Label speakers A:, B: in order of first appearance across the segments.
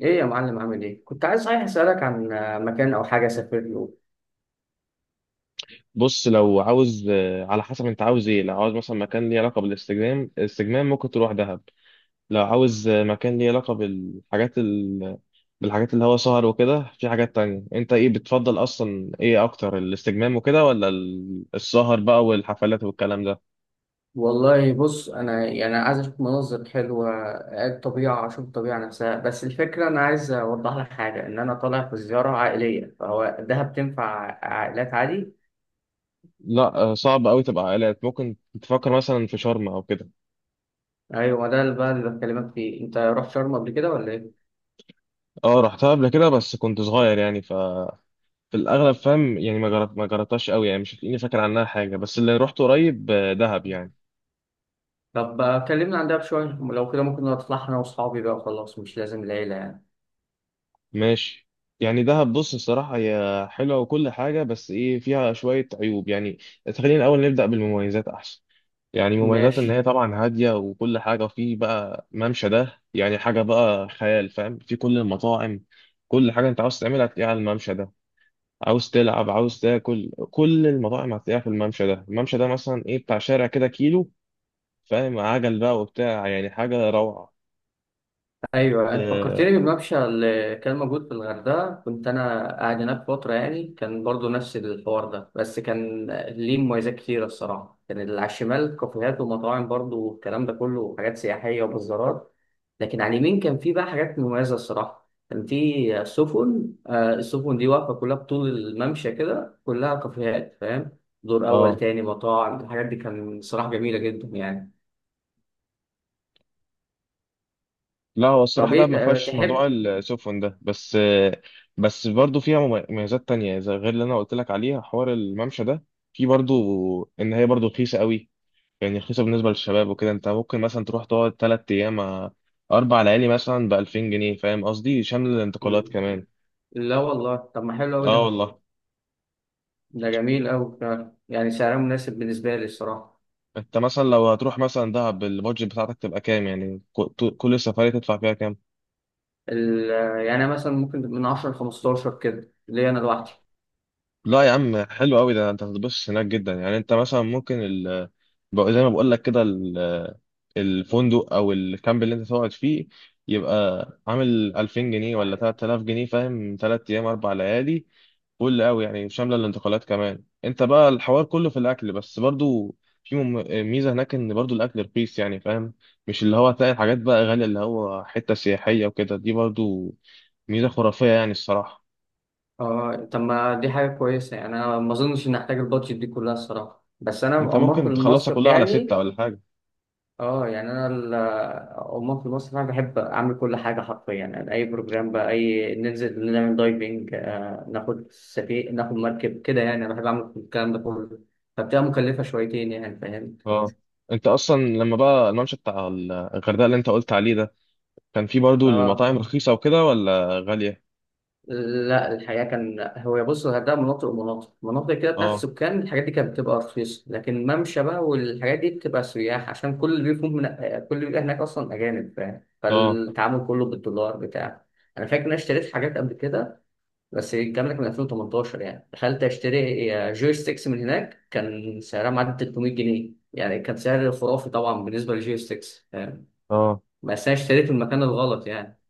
A: ايه يا معلم، عامل ايه؟ كنت عايز صحيح اسالك عن مكان او حاجه اسافر له.
B: بص لو عاوز على حسب انت عاوز ايه. لو عاوز مثلا مكان ليه علاقه بالاستجمام، الاستجمام ممكن تروح دهب. لو عاوز مكان ليه علاقه بالحاجات بالحاجات اللي هو سهر وكده. في حاجات تانية، انت ايه بتفضل اصلا، ايه اكتر، الاستجمام وكده ولا السهر بقى والحفلات والكلام ده؟
A: والله بص انا يعني عايز اشوف مناظر حلوه، الطبيعه، اشوف الطبيعه نفسها. بس الفكره انا عايز اوضح لك حاجه، ان انا طالع في زياره عائليه، فهو دهب تنفع عائلات عادي؟
B: لا صعب قوي تبقى عائلات. ممكن تفكر مثلا في شرم او كده.
A: ايوه ده اللي بقى اللي بكلمك فيه، انت رحت شرم قبل كده ولا ايه؟
B: اه، رحتها قبل كده بس كنت صغير يعني. في الاغلب فاهم يعني ما جربتهاش قوي يعني، مش هتلاقيني فاكر عنها حاجه. بس اللي رحت قريب دهب يعني.
A: طب كلمنا عن دهب شويه لو كده، ممكن نطلع انا واصحابي بقى وخلاص، مش لازم العيله يعني.
B: ماشي. يعني دهب بص الصراحة هي حلوة وكل حاجة، بس إيه فيها شوية عيوب يعني. خلينا الأول نبدأ بالمميزات أحسن. يعني مميزات إن
A: ماشي.
B: هي طبعا هادية وكل حاجة، وفيه بقى ممشى ده يعني حاجة بقى خيال فاهم، في كل المطاعم. كل حاجة أنت عاوز تعملها هتلاقيها على الممشى ده. عاوز تلعب، عاوز تاكل، كل المطاعم هتلاقيها في الممشى ده. الممشى ده مثلا إيه، بتاع شارع كده كيلو فاهم، عجل بقى وبتاع، يعني حاجة روعة.
A: ايوه، انت
B: آه.
A: فكرتني بالممشى اللي كان موجود في الغردقه، كنت انا قاعد هناك فتره يعني، كان برضو نفس الحوار ده، بس كان ليه مميزات كتيره الصراحه. كان اللي على الشمال كافيهات ومطاعم برضو، والكلام ده كله حاجات سياحيه وبازارات. لكن على اليمين كان في بقى حاجات مميزه الصراحه، كان في سفن، السفن دي واقفه كلها بطول الممشى كده، كلها كافيهات، فاهم؟ دور اول،
B: آه.
A: تاني مطاعم، الحاجات دي كان صراحه جميله جدا يعني.
B: لا هو
A: طب
B: الصراحة ده ما
A: ايه
B: فيهاش موضوع
A: تحب؟
B: السفن ده. بس بس برضو فيها مميزات تانية زي غير اللي أنا قلت لك عليها حوار الممشى ده. في برضو إن هي برضو رخيصة قوي. يعني رخيصة بالنسبة للشباب وكده. أنت ممكن مثلا تروح تقعد 3 أيام 4 ليالي مثلا ب2000 جنيه فاهم قصدي، شامل الانتقالات كمان.
A: لا والله، طب ما حلو قوي
B: أه
A: ده.
B: والله.
A: ده جميل أوي فعلا، يعني سعره مناسب بالنسبة لي الصراحة.
B: أنت مثلا لو هتروح مثلا دهب، البادجت بتاعتك تبقى كام؟ يعني كل السفرية تدفع فيها كام؟
A: ال- يعني أنا مثلا ممكن من 10 ل 15 كده ليا أنا لوحدي.
B: لا يا عم، حلو قوي ده. انت هتتبسط هناك جدا. يعني انت مثلا ممكن زي ما بقول لك كده الفندق او الكامب اللي انت تقعد فيه يبقى عامل 2000 جنيه ولا 3000 جنيه فاهم، 3 ايام 4 ليالي. فل قوي يعني، شامله الانتقالات كمان. انت بقى الحوار كله في الاكل بس. برضو في ميزه هناك ان برضو الاكل رخيص يعني فاهم. مش اللي هو هتلاقي الحاجات بقى غاليه اللي هو حته سياحيه وكده. دي برضو ميزه خرافيه يعني الصراحه.
A: اه، طب ما دي حاجة كويسة، يعني أنا ما أظنش إن أحتاج البادجت دي كلها الصراحة، بس أنا
B: انت
A: عموما في
B: ممكن تخلصها
A: المصيف
B: كلها على ستة
A: يعني.
B: ولا حاجه.
A: اه، يعني أنا عموما في المصيف أنا بحب أعمل كل حاجة حرفيا، يعني أي بروجرام بقى، أي ننزل نعمل دايفنج، آه ناخد سفينة، ناخد مركب كده، يعني أنا بحب أعمل الكلام ده كله. فبتبقى مكلفة شويتين يعني، فاهم؟
B: اه، انت اصلا لما بقى الممشى بتاع الغردقه اللي انت قلت عليه ده، كان فيه برضو
A: اه.
B: المطاعم رخيصه وكده ولا غاليه؟
A: لا الحقيقة كان هو بص، الغردقة مناطق ومناطق، مناطق كده بتاعت
B: اه
A: السكان الحاجات دي كانت بتبقى رخيصة، لكن ممشى بقى والحاجات دي بتبقى سياح، عشان كل اللي بيفهم من، كل اللي بيبقى هناك أصلا أجانب، فاهم؟
B: اه
A: فالتعامل كله بالدولار بتاع. أنا فاكر إن أنا اشتريت حاجات قبل كده، بس الكلام ده كان 2018 يعني. دخلت أشتري جوي ستيكس من هناك، كان سعرها معدي 300 جنيه، يعني كان سعر خرافي طبعا بالنسبة للجوي ستيكس، فاهم؟
B: اه.
A: بس أنا اشتريت في المكان الغلط يعني.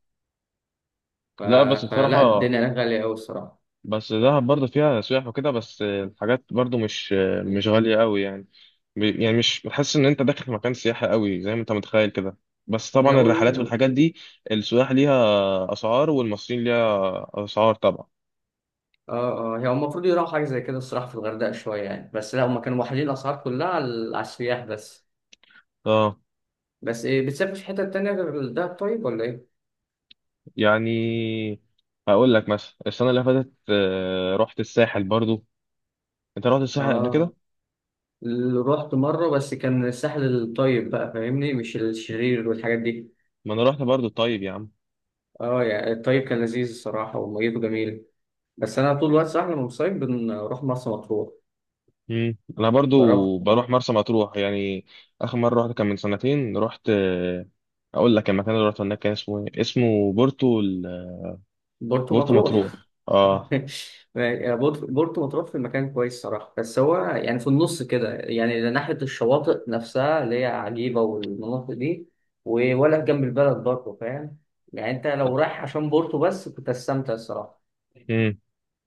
A: ف...
B: لا بس
A: فلا
B: بصراحه.
A: الدنيا هناك غالية أوي الصراحة.
B: بس دهب برضو فيها سياح وكده، بس الحاجات برضو مش غاليه قوي يعني. يعني مش بتحس ان انت داخل في مكان سياحي قوي زي ما انت متخيل كده. بس طبعا
A: لو
B: الرحلات والحاجات دي، السياح ليها اسعار والمصريين ليها اسعار طبعا.
A: اه، اه، هي المفروض يروحوا حاجة زي كده الصراحة في الغردقة شوية يعني، بس لا هما كانوا واحدين الأسعار كلها على، على السياح بس.
B: اه،
A: بس إيه، بتسافر في حتة تانية غير الدهب طيب ولا إيه؟
B: يعني هقول لك مثلا السنة اللي فاتت رحت الساحل برضو. انت رحت الساحل قبل
A: اه،
B: كده؟
A: رحت مرة بس كان الساحل الطيب بقى، فاهمني؟ مش الشرير والحاجات دي.
B: ما انا رحت برضو طيب يا عم.
A: اه، يعني الطيب كان لذيذ الصراحة وميته جميل. بس أنا طول الوقت صح لما بنصيف بنروح مرسى مطروح.
B: انا برضو
A: جربت
B: بروح مرسى مطروح يعني. اخر مرة رحت كان من سنتين. رحت اقول لك المكان اللي رحت هناك كان اسمه ايه؟ اسمه بورتو
A: برضه
B: بورتو مطروح.
A: مطروح.
B: اه.
A: بورتو مطروح في مكان كويس صراحة، بس هو يعني في النص كده، يعني ناحية الشواطئ نفسها اللي هي عجيبة والمناطق دي ولا جنب البلد، برضه فاهم؟ يعني أنت لو رايح عشان بورتو بس كنت هتستمتع الصراحة،
B: مم.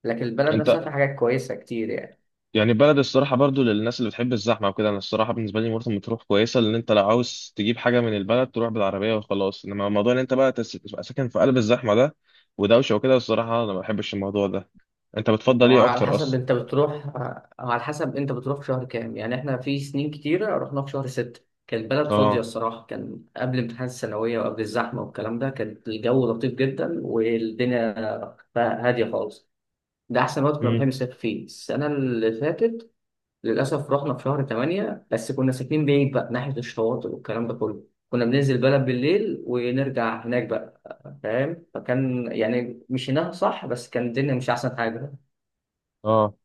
A: لكن البلد
B: انت
A: نفسها في حاجات كويسة كتير يعني.
B: يعني بلد الصراحة برضو للناس اللي بتحب الزحمة وكده. أنا الصراحة بالنسبة لي مرسى مطروح كويسة، لأن أنت لو عاوز تجيب حاجة من البلد تروح بالعربية وخلاص. إنما موضوع إن أنت بقى تبقى ساكن في قلب الزحمة ده ودوشة وكده، الصراحة أنا ما بحبش الموضوع ده. أنت
A: ما
B: بتفضل
A: هو
B: إيه
A: على
B: أكتر
A: حسب
B: أصلا؟
A: انت بتروح، على حسب انت بتروح في شهر كام يعني. احنا في سنين كتيرة رحنا في شهر ستة، كانت البلد فاضية
B: آه.
A: الصراحة، كان قبل امتحانات الثانوية وقبل الزحمة والكلام ده، كان الجو لطيف جدا والدنيا بقى هادية خالص. ده أحسن وقت كنا بنحب
B: مم.
A: نسافر فيه. السنة اللي فاتت للأسف رحنا في شهر تمانية، بس كنا ساكنين بعيد بقى ناحية الشواطئ والكلام ده كله، كنا بننزل البلد بالليل ونرجع هناك بقى، فاهم؟ فكان يعني مشيناها صح، بس كان الدنيا مش أحسن حاجة.
B: آه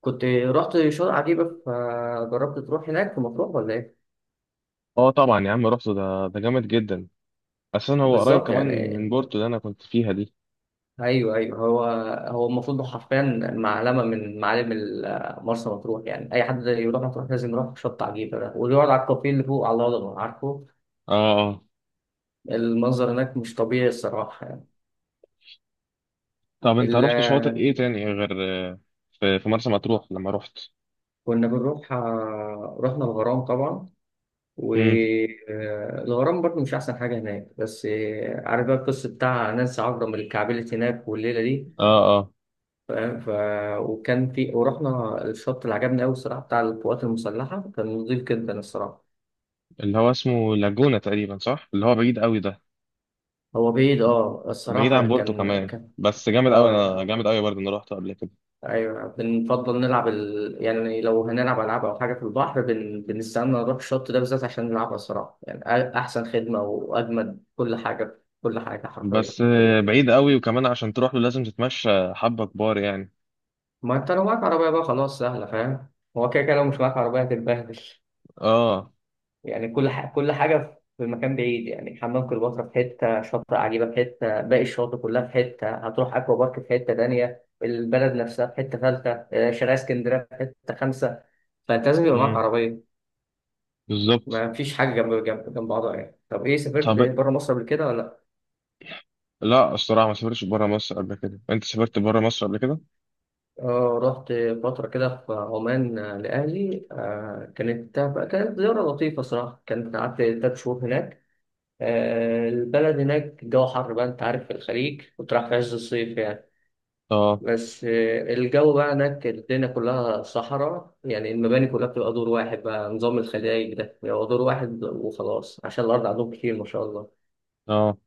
A: كنت رحت شاطئ عجيبة؟ فجربت تروح هناك في مطروح ولا ايه؟
B: آه طبعا يا عم رحت. ده جامد جدا. أساسا هو قريب
A: بالظبط
B: كمان
A: يعني.
B: من بورتو اللي أنا كنت فيها دي.
A: ايوه ايوه، هو هو المفروض حرفيا معلمة من معالم مرسى مطروح، يعني اي حد يروح مطروح لازم يروح شط عجيبة ده ويقعد على الكافيه اللي فوق على الهضبة، عارفه؟
B: آه آه.
A: المنظر هناك مش طبيعي الصراحة يعني.
B: طب أنت
A: ال-
B: رحت شواطئ إيه تاني غير آه، في مرسى مطروح لما رحت؟
A: كنا بنروح، رحنا الغرام طبعا.
B: مم.
A: والغرام برضه مش أحسن حاجة هناك، بس عارف بقى القصة بتاع نانسي عجرم اللي اتكعبلت هناك والليلة دي،
B: آه،
A: فاهم؟ وكان في، ورحنا الشط اللي عجبني قوي الصراحه بتاع القوات المسلحه، كان نضيف جدا الصراحه.
B: اللي هو اسمه لاجونا تقريبا صح، اللي هو بعيد قوي ده؟
A: هو بعيد اه
B: بعيد
A: الصراحه،
B: عن بورتو
A: كان
B: كمان
A: كان،
B: بس جامد قوي.
A: اه
B: انا جامد قوي برضه انا رحته قبل كده.
A: ايوه. يعني لو هنلعب العاب او حاجه في البحر بنستنى نروح الشط ده بالذات عشان نلعبها الصراحه يعني. احسن خدمه واجمد كل حاجه، كل حاجه حرفيا.
B: بس بعيد قوي وكمان عشان تروح له لازم تتمشى حبة كبار يعني.
A: ما انت لو معاك عربيه بقى خلاص سهله، فاهم؟ هو كده كده لو مش معاك عربيه هتتبهدل
B: اه،
A: يعني. كل حاجة في مكان بعيد يعني، حمام كليوباترا في حتة، شاطئ عجيبة في حتة، باقي الشواطئ كلها في حتة، هتروح أكوا بارك في حتة تانية، البلد نفسها في حتة ثالثة، شارع اسكندرية في حتة خامسة، فأنت لازم يبقى معاك
B: امم،
A: عربية.
B: بالظبط.
A: ما فيش حاجة جنب جنب جنب بعضها يعني. طب إيه، سافرت
B: طب
A: بره مصر قبل كده ولا لأ؟
B: لا الصراحة ما سافرتش بره مصر قبل كده. انت سافرت بره مصر قبل كده؟
A: آه رحت فترة كده في عمان، لأهلي، آه كانت كانت زيارة لطيفة صراحة، كانت قعدت تلات شهور هناك. البلد هناك الجو حر بقى، انت عارف في الخليج، كنت رايح في عز الصيف يعني.
B: اه
A: بس الجو بقى هناك الدنيا كلها صحراء يعني، المباني كلها بتبقى دور واحد بقى، نظام الخلايج ده بيبقى دور واحد وخلاص عشان الأرض عندهم كتير ما شاء الله.
B: اه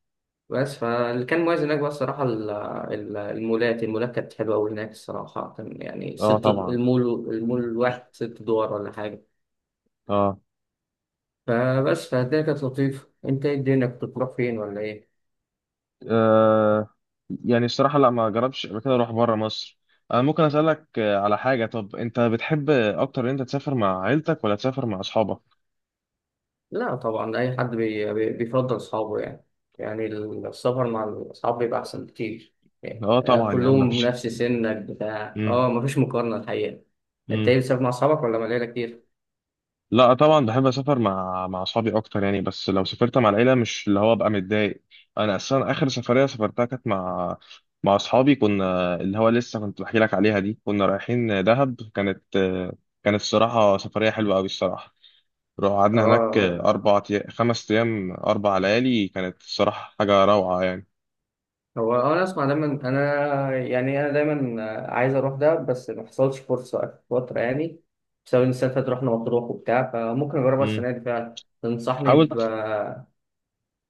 A: بس فاللي كان مميز هناك بقى الصراحة المولات، المولات كانت حلوة أوي هناك الصراحة، كان يعني
B: اه
A: ست
B: طبعا
A: المول. المول الواحد ست دول ولا حاجة.
B: اه
A: فبس فالدنيا كانت لطيفة. أنت إيه، الدنيا كنت بتروح فين ولا إيه؟
B: آه. يعني الصراحة لا، ما جربتش قبل كده اروح بره مصر. انا ممكن اسألك على حاجة؟ طب انت بتحب اكتر ان انت تسافر مع عيلتك ولا تسافر مع اصحابك؟
A: لا طبعا، أي حد بيفضل أصحابه يعني، يعني السفر مع الأصحاب بيبقى أحسن بكتير يعني.
B: اه طبعا يا عم
A: كلهم
B: مفيش.
A: نفس سنك بتاع، اه
B: مم.
A: مفيش مقارنة الحقيقة. أنت
B: مم.
A: إيه، بتسافر مع أصحابك ولا مع العيلة كتير؟
B: لا طبعا بحب اسافر مع اصحابي اكتر يعني. بس لو سافرت مع العيلة مش اللي هو بقى متضايق. انا اصلا اخر سفرية سافرتها كانت مع اصحابي. كنا اللي هو لسه كنت بحكي لك عليها دي، كنا رايحين دهب. كانت الصراحة سفرية حلوة قوي الصراحة. روح قعدنا هناك
A: اه.
B: أربع 5 أيام، 4 ليالي. كانت الصراحة حاجة روعة يعني.
A: هو أنا أسمع دايما، أنا يعني أنا دايما عايز أروح ده، بس ما حصلش فرصة آخر فترة يعني، بسبب إن السنة اللي فاتت رحنا مطروح وبتاع. فممكن أجربها
B: امم
A: السنة دي فعلا، تنصحني
B: حاول.
A: ب،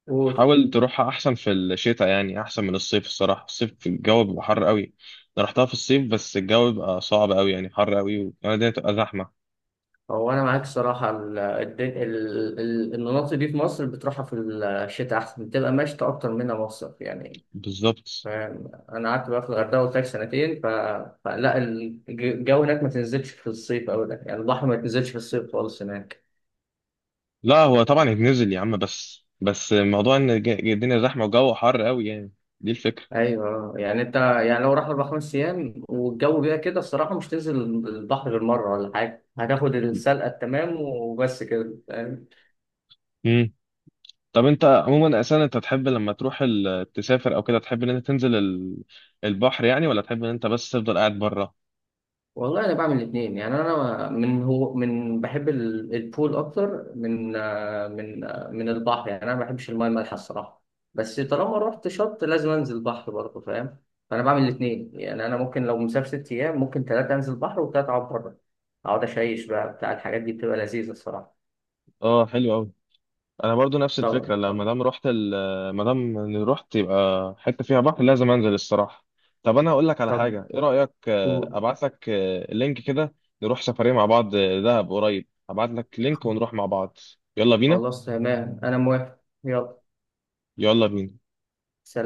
A: قول.
B: حاول تروحها أحسن في الشتاء، يعني أحسن من الصيف الصراحة. الصيف في الجو بيبقى حر قوي. أنا رحتها في الصيف بس الجو بيبقى صعب قوي يعني، حر قوي وكمان الدنيا بتبقى زحمة.
A: هو انا معاك صراحه، المناطق دي في مصر بتروحها في الشتاء احسن، بتبقى مشتى اكتر منها مصيف يعني،
B: بالظبط.
A: فاهم؟ انا قعدت بقى في الغردقه قلت لك سنتين، فلا الجو هناك ما تنزلش في الصيف او ده، يعني البحر ما تنزلش في الصيف خالص هناك.
B: لا هو طبعا يتنزل يا عم، بس موضوع إن الدنيا زحمة وجو حر قوي يعني. دي الفكرة.
A: ايوه يعني، انت يعني لو راح اربع خمس ايام والجو بقى كده الصراحه مش تنزل البحر غير مره ولا حاجه، هتاخد السلقه التمام وبس كده.
B: طب انت عموما اساسا، انت تحب لما تروح تسافر او كده تحب ان انت تنزل البحر يعني، ولا تحب ان انت بس تفضل قاعد بره؟
A: والله انا بعمل الاثنين يعني. انا من هو من بحب البول اكتر من من البحر يعني، انا ما بحبش المايه المالحه الصراحه، بس طالما رحت شط لازم انزل بحر برضه، فاهم؟ فانا بعمل الاثنين يعني. انا ممكن لو مسافر ست ايام ممكن ثلاثه انزل بحر وثلاثه اقعد بره، اقعد اشيش بقى بتاع، الحاجات دي بتبقى لذيذه الصراحه.
B: اه، حلو قوي. انا برضو نفس الفكره.
A: طب،
B: لما دام رحت ما دام إني رحت يبقى حته فيها بحر لازم انزل الصراحه. طب انا هقول لك على
A: طب
B: حاجه. ايه رايك
A: قول.
B: ابعت لك لينك كده؟ نروح سفريه مع بعض دهب قريب. ابعت لك لينك ونروح مع بعض. يلا بينا.
A: خلاص تمام انا موافق، يلا،
B: يلا بينا.
A: سلام.